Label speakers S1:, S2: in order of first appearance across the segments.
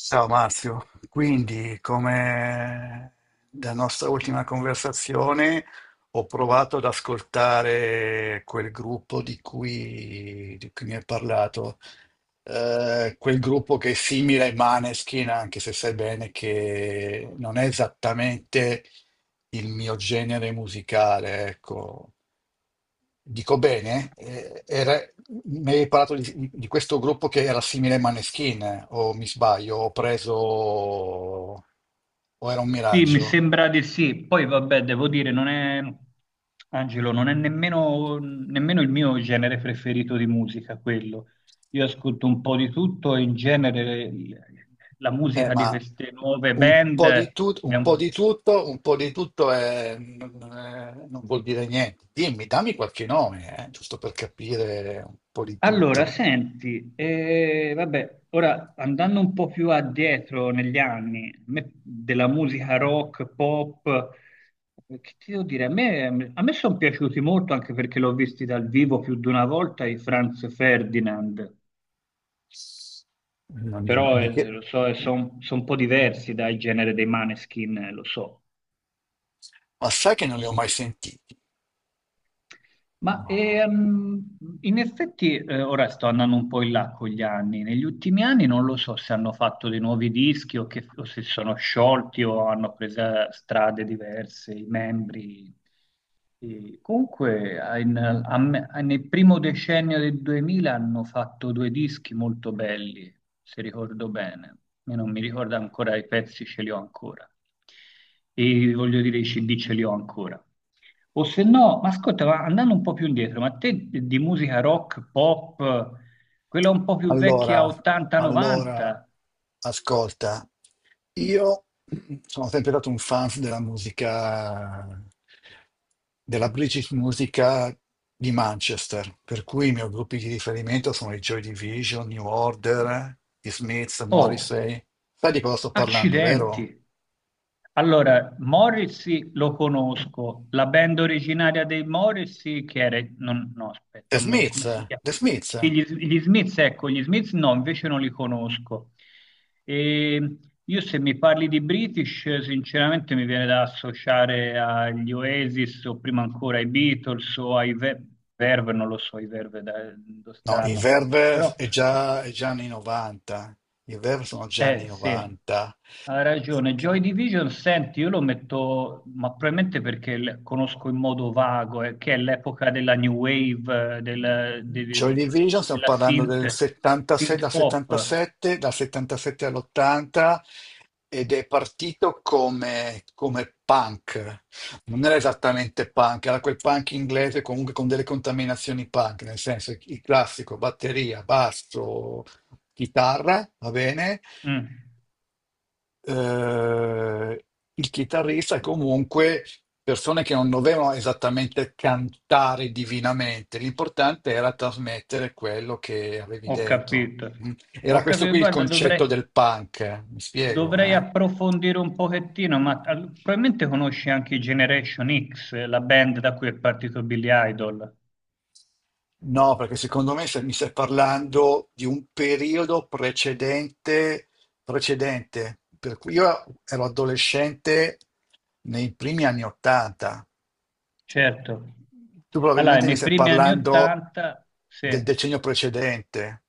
S1: Ciao Marzio, quindi come da nostra ultima conversazione ho provato ad ascoltare quel gruppo di cui mi hai parlato. Quel gruppo che è simile ai Maneskin, anche se sai bene che non è esattamente il mio genere musicale, ecco. Dico bene? Mi hai parlato di questo gruppo che era simile ai Maneskin, o mi sbaglio, ho preso, o era un
S2: Sì, mi
S1: miraggio.
S2: sembra di sì. Poi vabbè, devo dire, non è, Angelo, non è nemmeno, nemmeno il mio genere preferito di musica quello. Io ascolto un po' di tutto e in genere la musica di
S1: Ma
S2: queste nuove
S1: un po' di
S2: band
S1: tutto,
S2: mi ha,
S1: un po'
S2: un
S1: di tutto, un po' di tutto non vuol dire niente. Dimmi, dammi qualche nome, giusto per capire un po' di
S2: allora,
S1: tutto.
S2: senti, vabbè, ora andando un po' più addietro negli anni, a me della musica rock, pop, che ti devo dire, a me sono piaciuti molto anche perché l'ho visti dal vivo più di una volta i Franz Ferdinand,
S1: Non li ho mai,
S2: però lo so, sono un po' diversi dal genere dei Maneskin, lo so.
S1: ma sai che non li ho mai sentiti?
S2: Ma
S1: Ma
S2: in effetti ora sto andando un po' in là con gli anni. Negli ultimi anni non lo so se hanno fatto dei nuovi dischi o, o se sono sciolti o hanno preso strade diverse i membri. E comunque nel primo decennio del 2000 hanno fatto due dischi molto belli, se ricordo bene. Io non mi ricordo ancora i pezzi, ce li ho ancora. E voglio dire, i CD ce li ho ancora. O se no, ma ascolta, ma andando un po' più indietro, ma te di musica rock, pop, quella un po' più vecchia,
S1: Allora, allora,
S2: 80-90?
S1: ascolta, io sono sempre stato un fan della musica, della British musica di Manchester, per cui i miei gruppi di riferimento sono i Joy Division, New Order, gli Smiths,
S2: Oh.
S1: Morrissey. Sai di cosa sto parlando, vero?
S2: Accidenti. Allora, Morrissey lo conosco, la band originaria dei Morrissey che era... no, aspetta,
S1: The Smiths,
S2: come si chiama?
S1: The Smiths.
S2: Sì, gli Smiths, ecco, gli Smiths no, invece non li conosco. E io se mi parli di British, sinceramente mi viene da associare agli Oasis o prima ancora ai Beatles o ai Verve, non lo so, i Verve da dove
S1: No, i
S2: stanno,
S1: Verve
S2: però...
S1: è già anni 90, i Verve sono già anni
S2: Eh sì,
S1: 90.
S2: hai ragione. Joy Division, senti, io lo metto, ma probabilmente perché conosco in modo vago, che è l'epoca della new wave,
S1: Joy Division, stiamo
S2: della
S1: parlando del
S2: synth,
S1: 76,
S2: synth
S1: dal
S2: pop.
S1: 77, dal 77 all'80, ed è partito come punk. Non era esattamente punk, era quel punk inglese comunque con delle contaminazioni punk, nel senso il classico batteria, basso, chitarra, va bene?
S2: Mm,
S1: eh, il chitarrista, comunque, persone che non dovevano esattamente cantare divinamente, l'importante era trasmettere quello che avevi
S2: ho
S1: dentro.
S2: capito.
S1: Mm. Era
S2: Ho
S1: questo
S2: capito,
S1: qui il
S2: guarda,
S1: concetto
S2: dovrei,
S1: del punk, mi spiego,
S2: dovrei
S1: eh?
S2: approfondire un pochettino, ma probabilmente conosci anche i Generation X, la band da cui è partito Billy Idol.
S1: No, perché secondo me mi stai parlando di un periodo precedente, precedente, per cui io ero adolescente nei primi anni Ottanta.
S2: Certo.
S1: Tu
S2: Allora,
S1: probabilmente mi
S2: nei
S1: stai
S2: primi anni
S1: parlando
S2: 80, sì.
S1: del decennio precedente.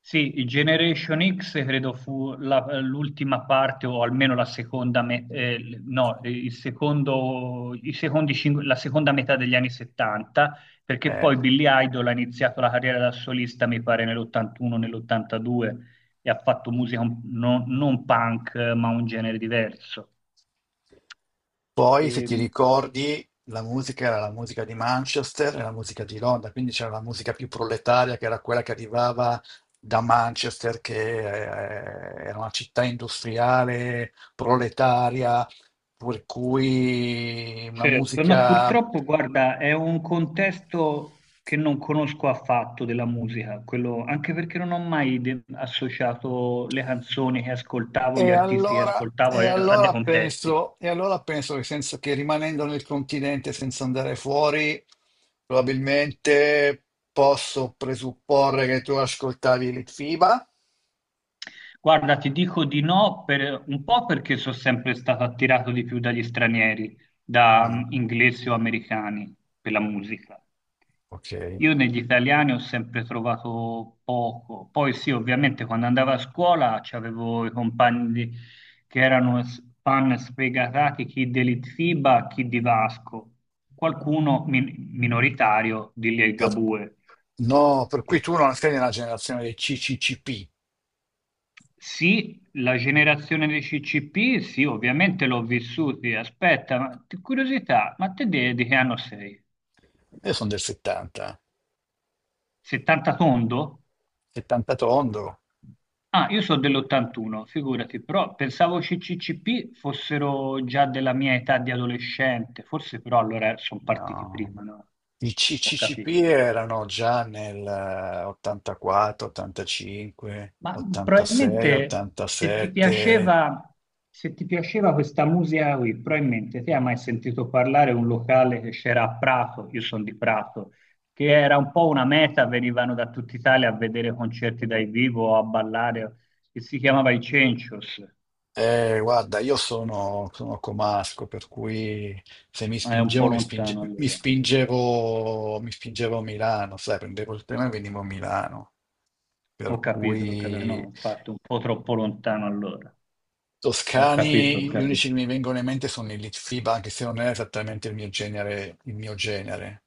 S2: Sì, i Generation X credo fu l'ultima parte o almeno la seconda, me- no, il secondo, i secondi cin- la seconda metà degli anni 70, perché
S1: eh.
S2: poi Billy Idol ha iniziato la carriera da solista, mi pare, nell'81, nell'82 e ha fatto musica non punk, ma un genere diverso.
S1: Poi, se ti
S2: Ehm,
S1: ricordi, la musica era la musica di Manchester e la musica di Londra, quindi c'era la musica più proletaria che era quella che arrivava da Manchester, che era una città industriale, proletaria, per cui una
S2: Certo, no,
S1: musica...
S2: purtroppo, guarda, è un contesto che non conosco affatto della musica, quello, anche perché non ho mai associato le canzoni che ascoltavo, gli
S1: E
S2: artisti che
S1: allora,
S2: ascoltavo
S1: e
S2: a dei
S1: allora
S2: contesti.
S1: penso, e allora penso che, senza, che rimanendo nel continente senza andare fuori, probabilmente posso presupporre che tu ascoltavi Litfiba.
S2: Guarda, ti dico di no per un po' perché sono sempre stato attirato di più dagli stranieri, da
S1: Mm,
S2: inglesi o americani per la musica.
S1: ok.
S2: Io negli italiani ho sempre trovato poco. Poi sì, ovviamente quando andavo a scuola c'avevo i che erano fan sfegatati, chi dell'Itfiba, chi di Vasco, qualcuno minoritario di
S1: Per-
S2: Ligabue.
S1: no, per cui tu non sei nella generazione dei CCCP.
S2: Sì, la generazione dei CCP, sì, ovviamente l'ho vissuti. Aspetta, ma curiosità, ma di, che anno sei?
S1: Io sono del 70,
S2: 70 tondo?
S1: 70 tondo.
S2: Ah, io sono dell'81, figurati, però pensavo CCCP fossero già della mia età di adolescente, forse però allora sono partiti
S1: No,
S2: prima, no?
S1: i C-
S2: Ho
S1: CCP
S2: capito.
S1: erano già nel 84, 85,
S2: Ma
S1: 86,
S2: probabilmente se ti
S1: 87.
S2: piaceva, se ti piaceva questa musica qui, probabilmente ti hai mai sentito parlare di un locale che c'era a Prato, io sono di Prato, che era un po' una meta, venivano da tutta Italia a vedere concerti dal vivo o a ballare, che si chiamava I Cencios,
S1: Guarda, io sono, sono comasco, per cui se mi
S2: ma è un po'
S1: spingevo, mi spinge-
S2: lontano allora.
S1: mi spingevo a Milano, sai, prendevo il treno e venivo a Milano. Per
S2: Ho capito,
S1: cui...
S2: no, infatti un po' troppo lontano allora. Ho capito, ho
S1: Toscani, gli unici
S2: capito.
S1: che mi vengono in mente sono i Litfiba, anche se non è esattamente il mio genere, il mio genere.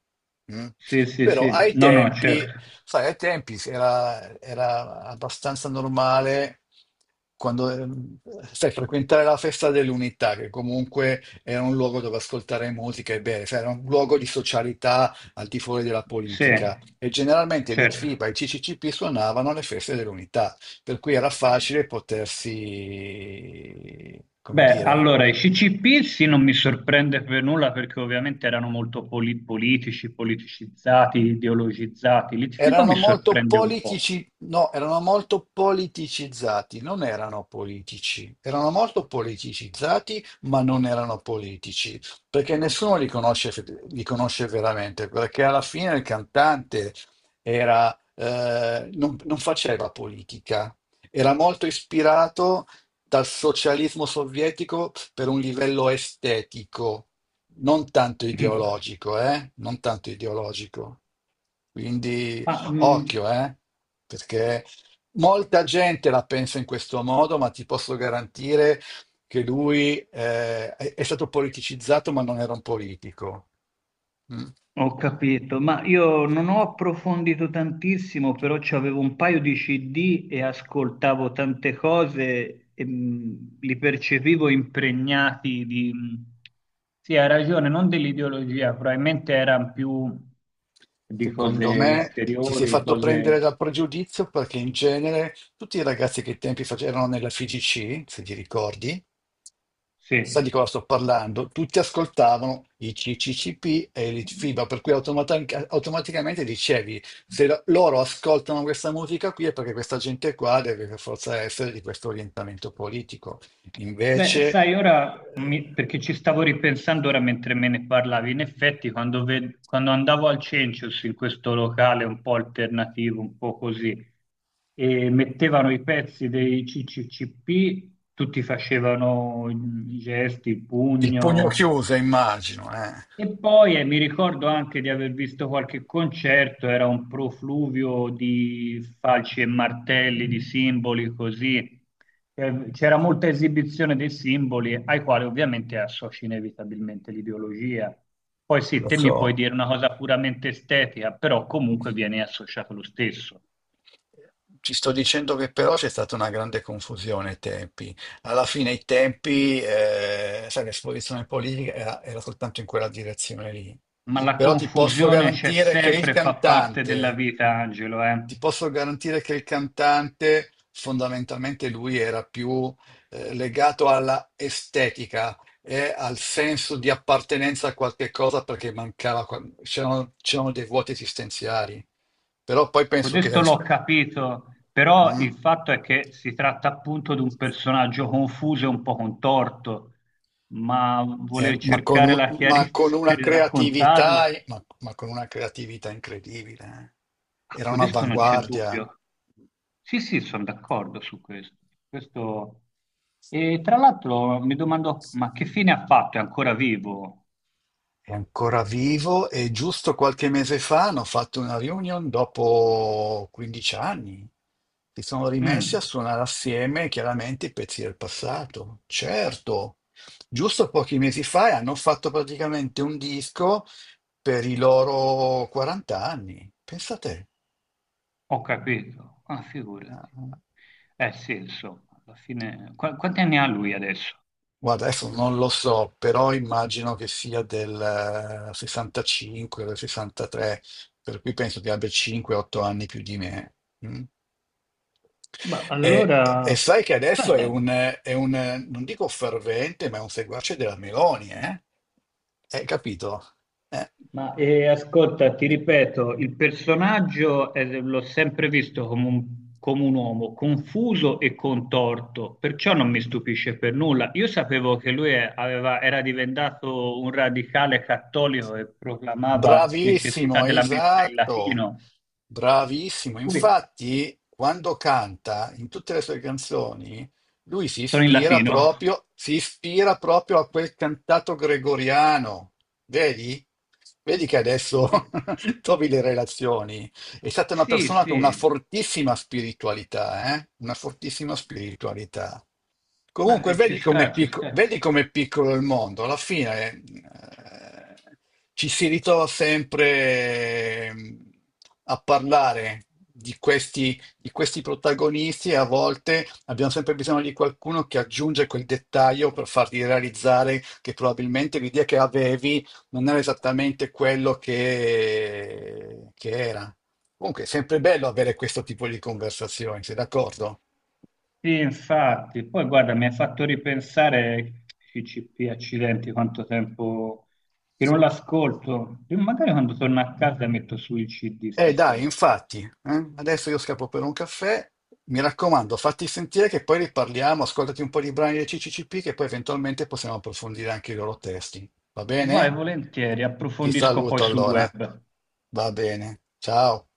S1: Mm.
S2: Sì, sì,
S1: Però
S2: sì,
S1: ai
S2: no, no,
S1: tempi,
S2: certo.
S1: sai, ai tempi era, era abbastanza normale quando, sai, frequentare la festa dell'unità, che comunque era un luogo dove ascoltare musica e bere, sai, era un luogo di socialità al di fuori della
S2: Sì,
S1: politica. E generalmente l'I T F
S2: certo.
S1: i Litfiba e i CCCP suonavano alle feste dell'unità, per cui era facile potersi, come
S2: Beh,
S1: dire...
S2: allora, i CCP sì, non mi sorprende per nulla perché ovviamente erano molto politici, politicizzati, ideologizzati. L'ITFIBA
S1: Erano
S2: mi
S1: molto
S2: sorprende un po'.
S1: politici, no, erano molto politicizzati, non erano politici, erano molto politicizzati, ma non erano politici, perché nessuno li conosce, li conosce veramente, perché alla fine il cantante era, non, faceva politica, era molto ispirato dal socialismo sovietico per un livello estetico, non tanto
S2: Mm.
S1: ideologico, eh? Non tanto ideologico. Quindi...
S2: Ma
S1: Occhio, eh? Perché molta gente la pensa in questo modo, ma ti posso garantire che lui è stato politicizzato, ma non era un politico. Mm.
S2: ho capito, ma io non ho approfondito tantissimo, però avevo un paio di CD e ascoltavo tante cose e li percepivo impregnati di... sì, hai ragione, non dell'ideologia, probabilmente erano più di
S1: Secondo
S2: cose
S1: me ti sei
S2: esteriori,
S1: fatto prendere
S2: cose...
S1: dal pregiudizio perché in genere tutti i ragazzi che ai tempi facevano nella FIGC, se ti ricordi.
S2: Sì.
S1: Sai di cosa sto parlando? Tutti ascoltavano i CCCP e il FIBA, per cui automaticamente dicevi: se loro ascoltano questa musica qui è perché questa gente qua deve per forza essere di questo orientamento politico.
S2: Beh,
S1: Invece...
S2: sai, ora
S1: eh,
S2: perché ci stavo ripensando ora mentre me ne parlavi, in effetti quando, quando andavo al Cencius in questo locale un po' alternativo, un po' così, e mettevano i pezzi dei CCCP, tutti facevano i gesti, il
S1: il pugno
S2: pugno,
S1: chiuso, immagino, eh.
S2: e poi mi ricordo anche di aver visto qualche concerto, era un profluvio di falci e martelli, di simboli così. C'era molta esibizione dei simboli ai quali ovviamente associ inevitabilmente l'ideologia. Poi sì,
S1: Lo
S2: te mi puoi
S1: so.
S2: dire una cosa puramente estetica, però comunque viene associato lo stesso.
S1: Ti sto dicendo che però c'è stata una grande confusione ai tempi. Alla fine i tempi, sai, l'esposizione politica era, era soltanto in quella direzione lì.
S2: Ma la
S1: Però ti posso
S2: confusione c'è
S1: garantire che il
S2: sempre, fa parte della
S1: cantante,
S2: vita, Angelo, eh.
S1: ti posso garantire che il cantante fondamentalmente lui era più legato alla estetica e al senso di appartenenza a qualche cosa perché mancava, c'erano dei vuoti esistenziali. Però poi penso che...
S2: Questo l'ho capito, però
S1: mm,
S2: il fatto è che si tratta appunto di un personaggio confuso e un po' contorto, ma voler
S1: ma,
S2: cercare la
S1: ma con
S2: chiarezza
S1: una
S2: per raccontarlo,
S1: creatività, ma con una creatività incredibile.
S2: a
S1: Era
S2: codesto non c'è
S1: un'avanguardia.
S2: dubbio. Sì, sì, sono d'accordo su questo. Questo... e tra l'altro mi domando, ma che fine ha fatto? È ancora vivo?
S1: È ancora vivo e giusto qualche mese fa hanno fatto una reunion dopo 15 anni. Si sono rimessi a
S2: Mm,
S1: suonare assieme, chiaramente, i pezzi del passato. Certo, giusto pochi mesi fa, e hanno fatto praticamente un disco per i loro 40 anni. Pensate.
S2: ho capito. Ah, figurati.
S1: Ah...
S2: Eh sì, insomma, alla fine... quanti anni ha lui adesso?
S1: Guarda, adesso non lo so, però immagino che sia del 65 o del 63, per cui penso che abbia 5-8 anni più di me. Mm.
S2: Ma
S1: E,
S2: allora,
S1: e sai che adesso è
S2: guarda,
S1: un, è un, non dico fervente, ma è un seguace della Meloni, eh? Hai capito? Eh.
S2: ma ascolta, ti ripeto, il personaggio l'ho sempre visto come un uomo confuso e contorto, perciò non mi stupisce per nulla. Io sapevo che era diventato un radicale cattolico e proclamava necessità
S1: Bravissimo,
S2: della messa in
S1: esatto,
S2: latino.
S1: bravissimo.
S2: Ui,
S1: Infatti, quando canta in tutte le sue canzoni, lui
S2: sono in latino.
S1: si ispira proprio a quel cantato gregoriano. Vedi? Vedi che adesso trovi le relazioni. È stata una
S2: Sì, sì,
S1: persona con una
S2: sì,
S1: fortissima spiritualità, eh? Una fortissima spiritualità.
S2: ma
S1: Comunque,
S2: ci
S1: vedi com'è
S2: sta, ci sta.
S1: vedi com'è piccolo il mondo. Alla fine ci si ritrova sempre eh, a parlare di questi protagonisti, e a volte abbiamo sempre bisogno di qualcuno che aggiunge quel dettaglio per farti realizzare che probabilmente l'idea che avevi non era esattamente quello che era. Comunque è sempre bello avere questo tipo di conversazioni, sei d'accordo?
S2: Sì, infatti, poi guarda, mi ha fatto ripensare CCP, accidenti, quanto tempo che non l'ascolto. Io magari quando torno a casa metto su il CD
S1: Dai,
S2: stasera.
S1: infatti, adesso io scappo per un caffè. Mi raccomando, fatti sentire, che poi riparliamo. Ascoltati un po' di brani del CCCP, che poi eventualmente possiamo approfondire anche i loro testi, va
S2: Vai,
S1: bene?
S2: volentieri,
S1: Ti
S2: approfondisco poi
S1: saluto
S2: sul
S1: allora,
S2: web.
S1: va bene, ciao.